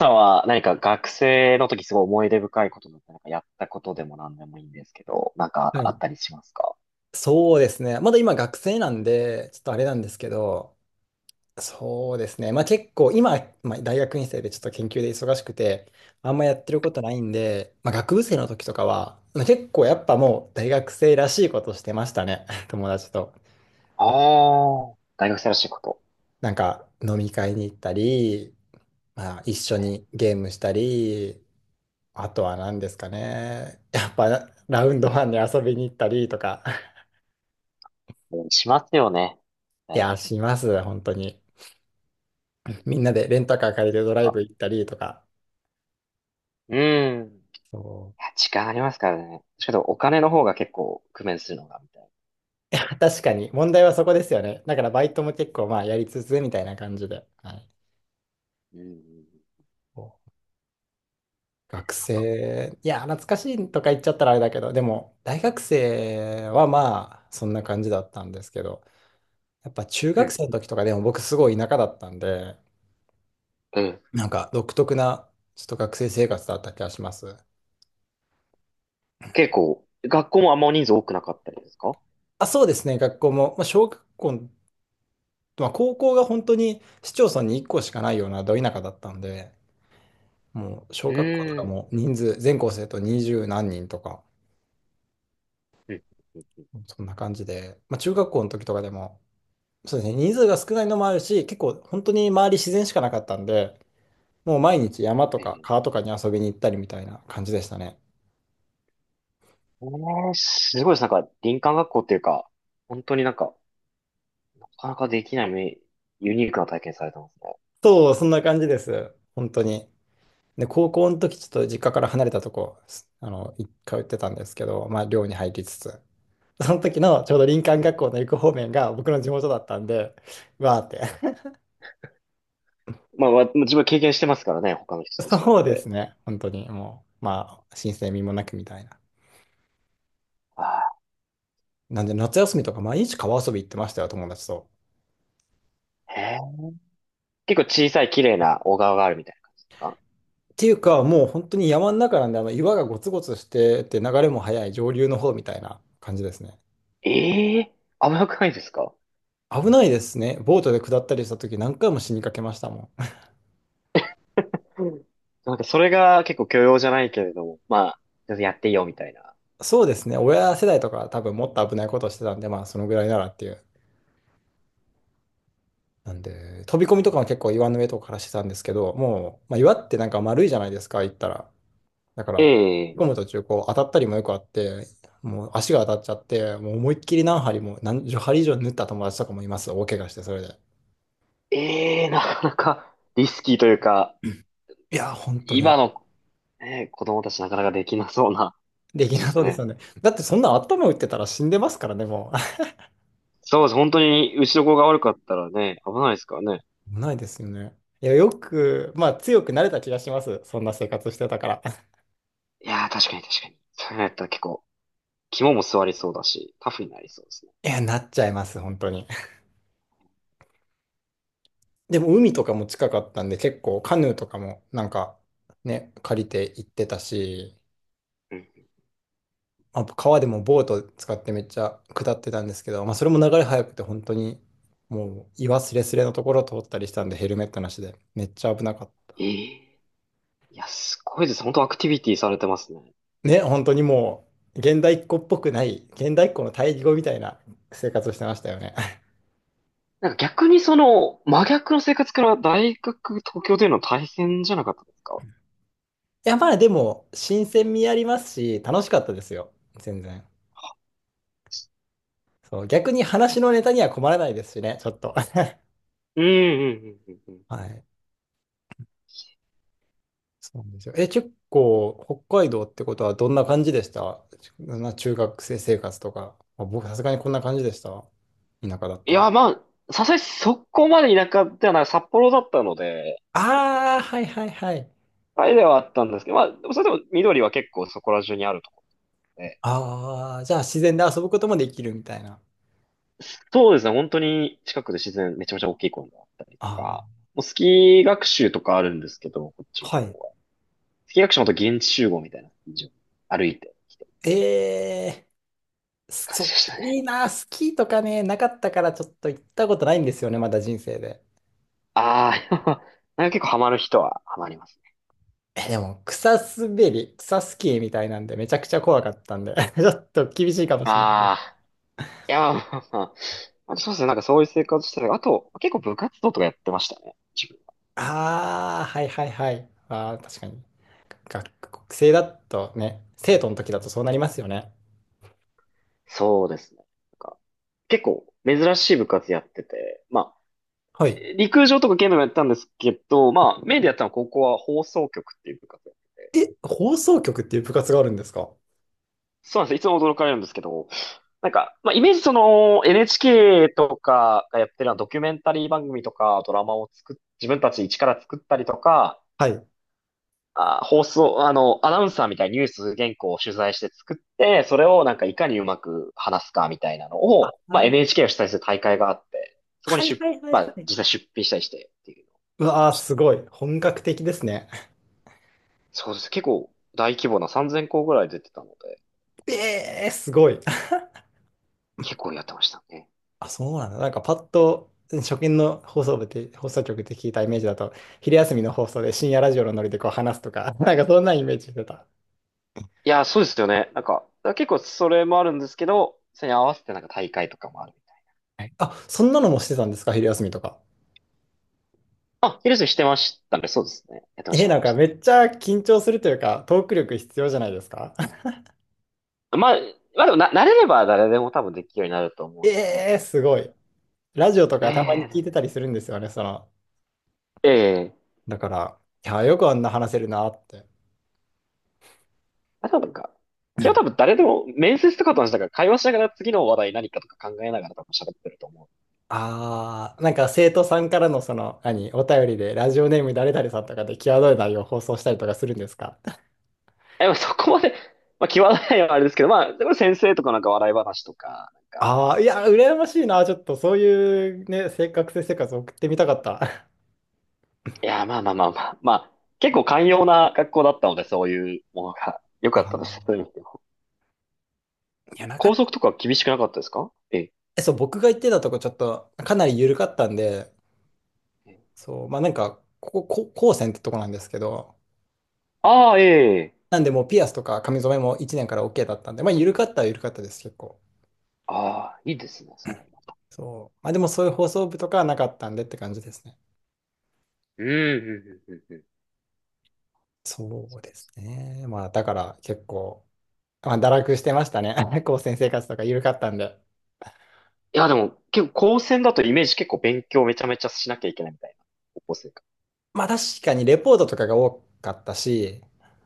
さんは何か学生の時すごい思い出深いことだったりなんかやったことでも何でもいいんですけど、なんはかあっい。たりしますか？そうですね。まだ今学生なんで、ちょっとあれなんですけど、そうですね。まあ結構今、まあ、大学院生でちょっと研究で忙しくて、あんまやってることないんで、まあ学部生の時とかは、まあ結構やっぱもう大学生らしいことしてましたね。友達と。ああー、大学生らしいこと。なんか飲み会に行ったり、まあ一緒にゲームしたり、あとは何ですかね。やっぱラウンドワンに遊びに行ったりとか、うんしますよね。いはい。や、します、本当に。みんなでレンタカー借りてドなんライブか、行ったりとか。うん。いそや、時間ありますからね。しかもお金の方が結構工面するのが、みたいう。確かに、問題はそこですよね。だからバイトも結構まあやりつつみたいな感じで。はい。な。うんうんうん。そう学なんか、生、いや、懐かしいとか言っちゃったらあれだけど、でも、大学生はまあ、そんな感じだったんですけど、やっぱ中う学生んの時とかでも僕すごい田舎だったんで、うん。うん。なんか独特な、ちょっと学生生活だった気がします。結構、学校もあんま人数多くなかったりですか？あ、そうですね、学校も、まあ、小学校、まあ、高校が本当に市町村に1校しかないようなど田舎だったんで、もう小う学校とかん。も人数、全校生徒二十何人とか、うん。うんうん。そんな感じで、まあ、中学校の時とかでも、そうですね、人数が少ないのもあるし、結構本当に周り自然しかなかったんで、もう毎日山とえー、かえ川とかに遊びに行ったりみたいな感じでしたね。ーすごいです。なんか、林間学校っていうか、本当になんか、なかなかできないめユニークな体験されてますね。そう、そんな感じです。本当に。で、高校の時ちょっと実家から離れたとこ、すあの、い通ってたんですけど、まあ寮に入りつつ、その時のちょうど林間うん。学校の行く方面が僕の地元だったんで、わーってまあ、わ自分は経験してますからね、他の人と違っそうですて。ね。本当に、もう、まあ、申請味もなくみたいな。ああ、なんで、夏休みとか毎日川遊び行ってましたよ、友達と。へえ。結構小さい綺麗な小川があるみたいな感じですか？っていうか、もう本当に山の中なんで、あの岩がゴツゴツしてて、流れも速い上流の方みたいな感じですね。ええ、甘くないですか？危ないですね。ボートで下ったりした時何回も死にかけましたもん。うん。なんかそれが結構許容じゃないけれども、まあ、全然やっていいよみたいな。そうですね。親世代とか多分もっと危ないことをしてたんで、まあそのぐらいならっていう。なんで、飛び込みとかも結構岩の上とかからしてたんですけど、もう、まあ、岩ってなんか丸いじゃないですか、行ったら。だから、え引え、っ込む途中、こう、当たったりもよくあって、もう足が当たっちゃって、もう思いっきり何針も、何十針以上縫った友達とかもいます。大怪我して、それで。ええ、なかなかリスキーというか、いや、本当に。今の、ね、子供たちなかなかできなそうな感できじでなそすうですね。よね。だってそんな頭打ってたら死んでますからね、もう。そうです。本当に、うちの子が悪かったらね、危ないですからね。ないですよね。いや、よく、まあ強くなれた気がします。そんな生活してたから。いやー、確かに確かに。それやったら結構、肝も座りそうだし、タフになりそうですね。いや、なっちゃいます、本当に。でも海とかも近かったんで、結構カヌーとかもなんかね、借りて行ってたし、うん。まあ、川でもボート使ってめっちゃ下ってたんですけど、まあ、それも流れ速くて本当にもう岩すれすれのところを通ったりしたんでヘルメットなしでめっちゃ危なかっえた。え、いや、すごいです。本当アクティビティされてますね。ね、本当にもう現代っ子っぽくない現代っ子の対義語みたいな生活をしてましたよね。なんか逆にその、真逆の生活から大学、東京での大変じゃなかったですか？ いやまあでも新鮮味ありますし楽しかったですよ。全然。そう、逆に話のネタには困らないですしね、ちょっと。うん、うん、うん、うん。うん。はい。そうなんですよ。え、結構、北海道ってことはどんな感じでしたちな中学生生活とか。まあ、僕、さすがにこんな感じでした。田舎だっいたら。や、まあ、さすがにそこまで田舎ではない、札幌だったので、ああ、はいはいはい。あれではあったんですけど、まあ、でもそれでも緑は結構そこら中にあるところで、ああ、じゃあ自然で遊ぶこともできるみたいな。そうですね、本当に近くで自然、めちゃめちゃ大きい公園があったりとあか、もうスキー学習とかあるんですけど、こっちのあ、は方い。は。スキー学習もと現地集合みたいな感じで歩いてきてるええー、感そっじでか、したいね。いな、スキーとかね、なかったからちょっと行ったことないんですよね、まだ人生で。ああ、なんか結構ハマる人はハマりますね。え、でも、草滑り、草スキーみたいなんで、めちゃくちゃ怖かったんで、ちょっと厳しいかもしれない。ああ、いや、まあ、そうですね、なんかそういう生活してたりあと、結構部活動とかやってましたね、自分。ああ、はいはいはい。ああ、確かに。学生だとね、生徒の時だとそうなりますよね。そうですね。なんか結構珍しい部活やってて、まあ、はい。陸上とか剣道もやったんですけど、まあ、メインでやったのは高校は放送局っていう部活で。え、放送局っていう部活があるんですか？そうなんです。いつも驚かれるんですけど、なんか、まあ、イメージその NHK とかがやってるのはドキュメンタリー番組とかドラマを作っ、自分たち一から作ったりとか、はい。あ、放送、あの、アナウンサーみたいにニュース原稿を取材して作って、それをなんかいかにうまく話すかみたいなのを、あまあ、ー、NHK を主催する大会があって、そこにはい出、はいはいまはあ、い。実際出品したりしてっていうのをうやっわてあ、ました。すごい。本格的ですね。そうです。結構大規模な3000校ぐらい出てたので、ええー、すごい。結構やってましたね。あ、そうなんだ。なんかパッと、初見の放送部って、放送局って聞いたイメージだと、昼休みの放送で深夜ラジオのノリでこう話すとか、なんかそんなイメージしてた。いや、そうですよね。なんか、だから結構それもあるんですけど、それに合わせてなんか大会とかもあるみたいはい。あ、そんなのもしてたんですか？昼休みとか。な。あ、ヒルスしてましたね。そうですね。やってましえ、た、やっなてんましかた。めっちゃ緊張するというか、トーク力必要じゃないですか？ まあ、まあでもな、慣れれば誰でも多分できるようになると思えうので。えーすごい。ラジオといやかたいやまいにや、で聞いてもたりするんですよね、その。いやいやいや、だから、いや、よくあんな話せるなって。あとはなんか、今日多分誰でも面接とかと話したから会話しながら次の話題何かとか考えながら多分喋ってると思う。ああ、なんか生徒さんからのその、何、お便りで、ラジオネーム誰々さんとかで際どい内容を放送したりとかするんですか？え、まあそこまで、まあ、際どいのはあれですけど、まあ、でも先生とかなんか笑い話とか、あ あー、いや、羨ましいな。ちょっとそういうね、生活を送ってみたかった。いや、まあ。まあ、結構寛容な学校だったので、そういうものが良 かったです。あそういう意味ではーいや、なかっ校た。則とか厳しくなかったですか？ええ、そう、僕が行ってたとこちょっとかなり緩かったんで、え。そう、まあなんか、ここ、こ高専ってとこなんですけど、ああ、ええ。なんでもうピアスとか髪染めも1年から OK だったんで、まあ緩かったは緩かったです、結構。ああ、いいですね、それは。そう。まあでもそういう放送部とかはなかったんでって感じですね。うん、うん、うん、うん。うん。そうですね。まあだから結構、まあ堕落してましたね。高専生活とか緩かったんで。いや、でも、結構、高専だとイメージ結構勉強めちゃめちゃしなきゃいけないみたいな、高校生か。まあ確かにレポートとかが多かったし、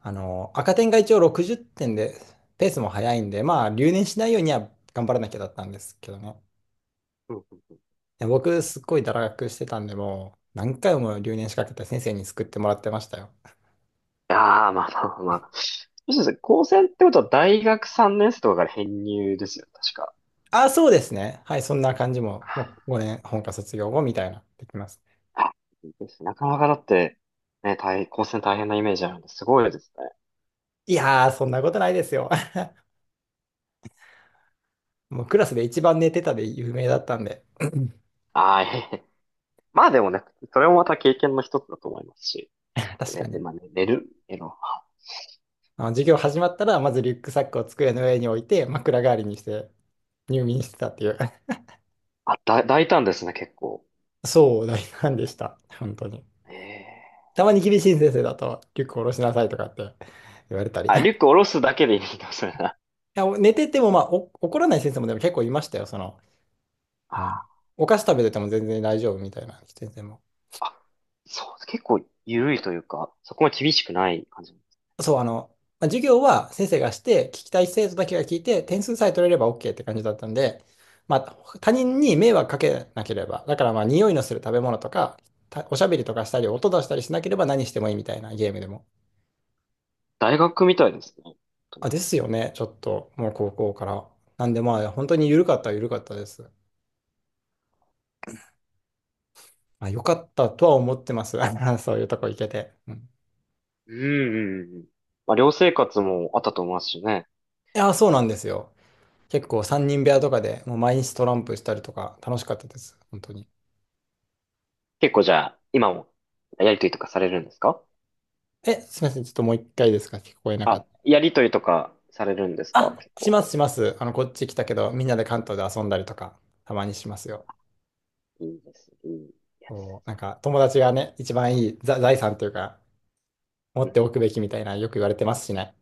あの、赤点が一応60点で、ペースも速いんで、まあ留年しないようには頑張らなきゃだったんですけどね。うんうん。いや僕、すっごい堕落してたんで、もう、何回も留年しかけて先生に救ってもらってましたよ。やー、まあ、そうですね、高専ってことは大学3年生とかから編入ですよ、確か。あ、そうですね。はい、そんな感じも、もう5年、本科卒業後みたいな、できます。あ、いいですね、なかなかだって、ね、高専大変なイメージあるんで、すごいですね。いやー、そんなことないですよ。もうクラスで一番寝てたで有名だったんで、ああ、ええ。まあでもね、それもまた経験の一つだと思いますし。で確ね、かで、に。まあ、ね、寝る、寝あの、授業始まったら、まずリュックサックを机の上に置いて、枕代わりにして入眠してたっていう。あ、だ、大胆ですね、結構。そう大んでした。本当に。ええ、たまに厳しい先生だと、リュック下ろしなさいとかって言われたり。あ、リュック下ろすだけでいいんだ、それな。や、お寝てても、まあ、お怒らない先生もでも結構いましたよ。その、ああの、お菓子食べてても全然大丈夫みたいな先生も。あ、そう、結構緩いというか、そこも厳しくない感じ。そう、あの、まあ授業は先生がして、聞きたい生徒だけが聞いて、点数さえ取れれば OK って感じだったんで、まあ、他人に迷惑かけなければ、だからまあ、匂いのする食べ物とか、たおしゃべりとかしたり、音出したりしなければ何してもいいみたいな。ゲームでも。大学みたいですね、本当あ、に。ですよね、ちょっと、もう高校から。なんでまあ、本当に緩かったは緩かったです。まあ、よかったとは思ってます。そういうとこ行けて。うん。うんうんうんうん。まあ、寮生活もあったと思いますしね。いや、そうなんですよ。結構3人部屋とかでもう毎日トランプしたりとか楽しかったです。本当に。結構じゃあ、今もやりとりとかされるんですか？え、すみません。ちょっともう一回ですか？聞こえなかっあ、た。やりとりとかされるんですかあ、結し構。ますします。あの、こっち来たけど、みんなで関東で遊んだりとか、たまにしますよ。いいですね。いいやつです。そう、なんか友達がね、一番いいざ財産というか、持うってん。おくべきみたいなよく言われてますしね。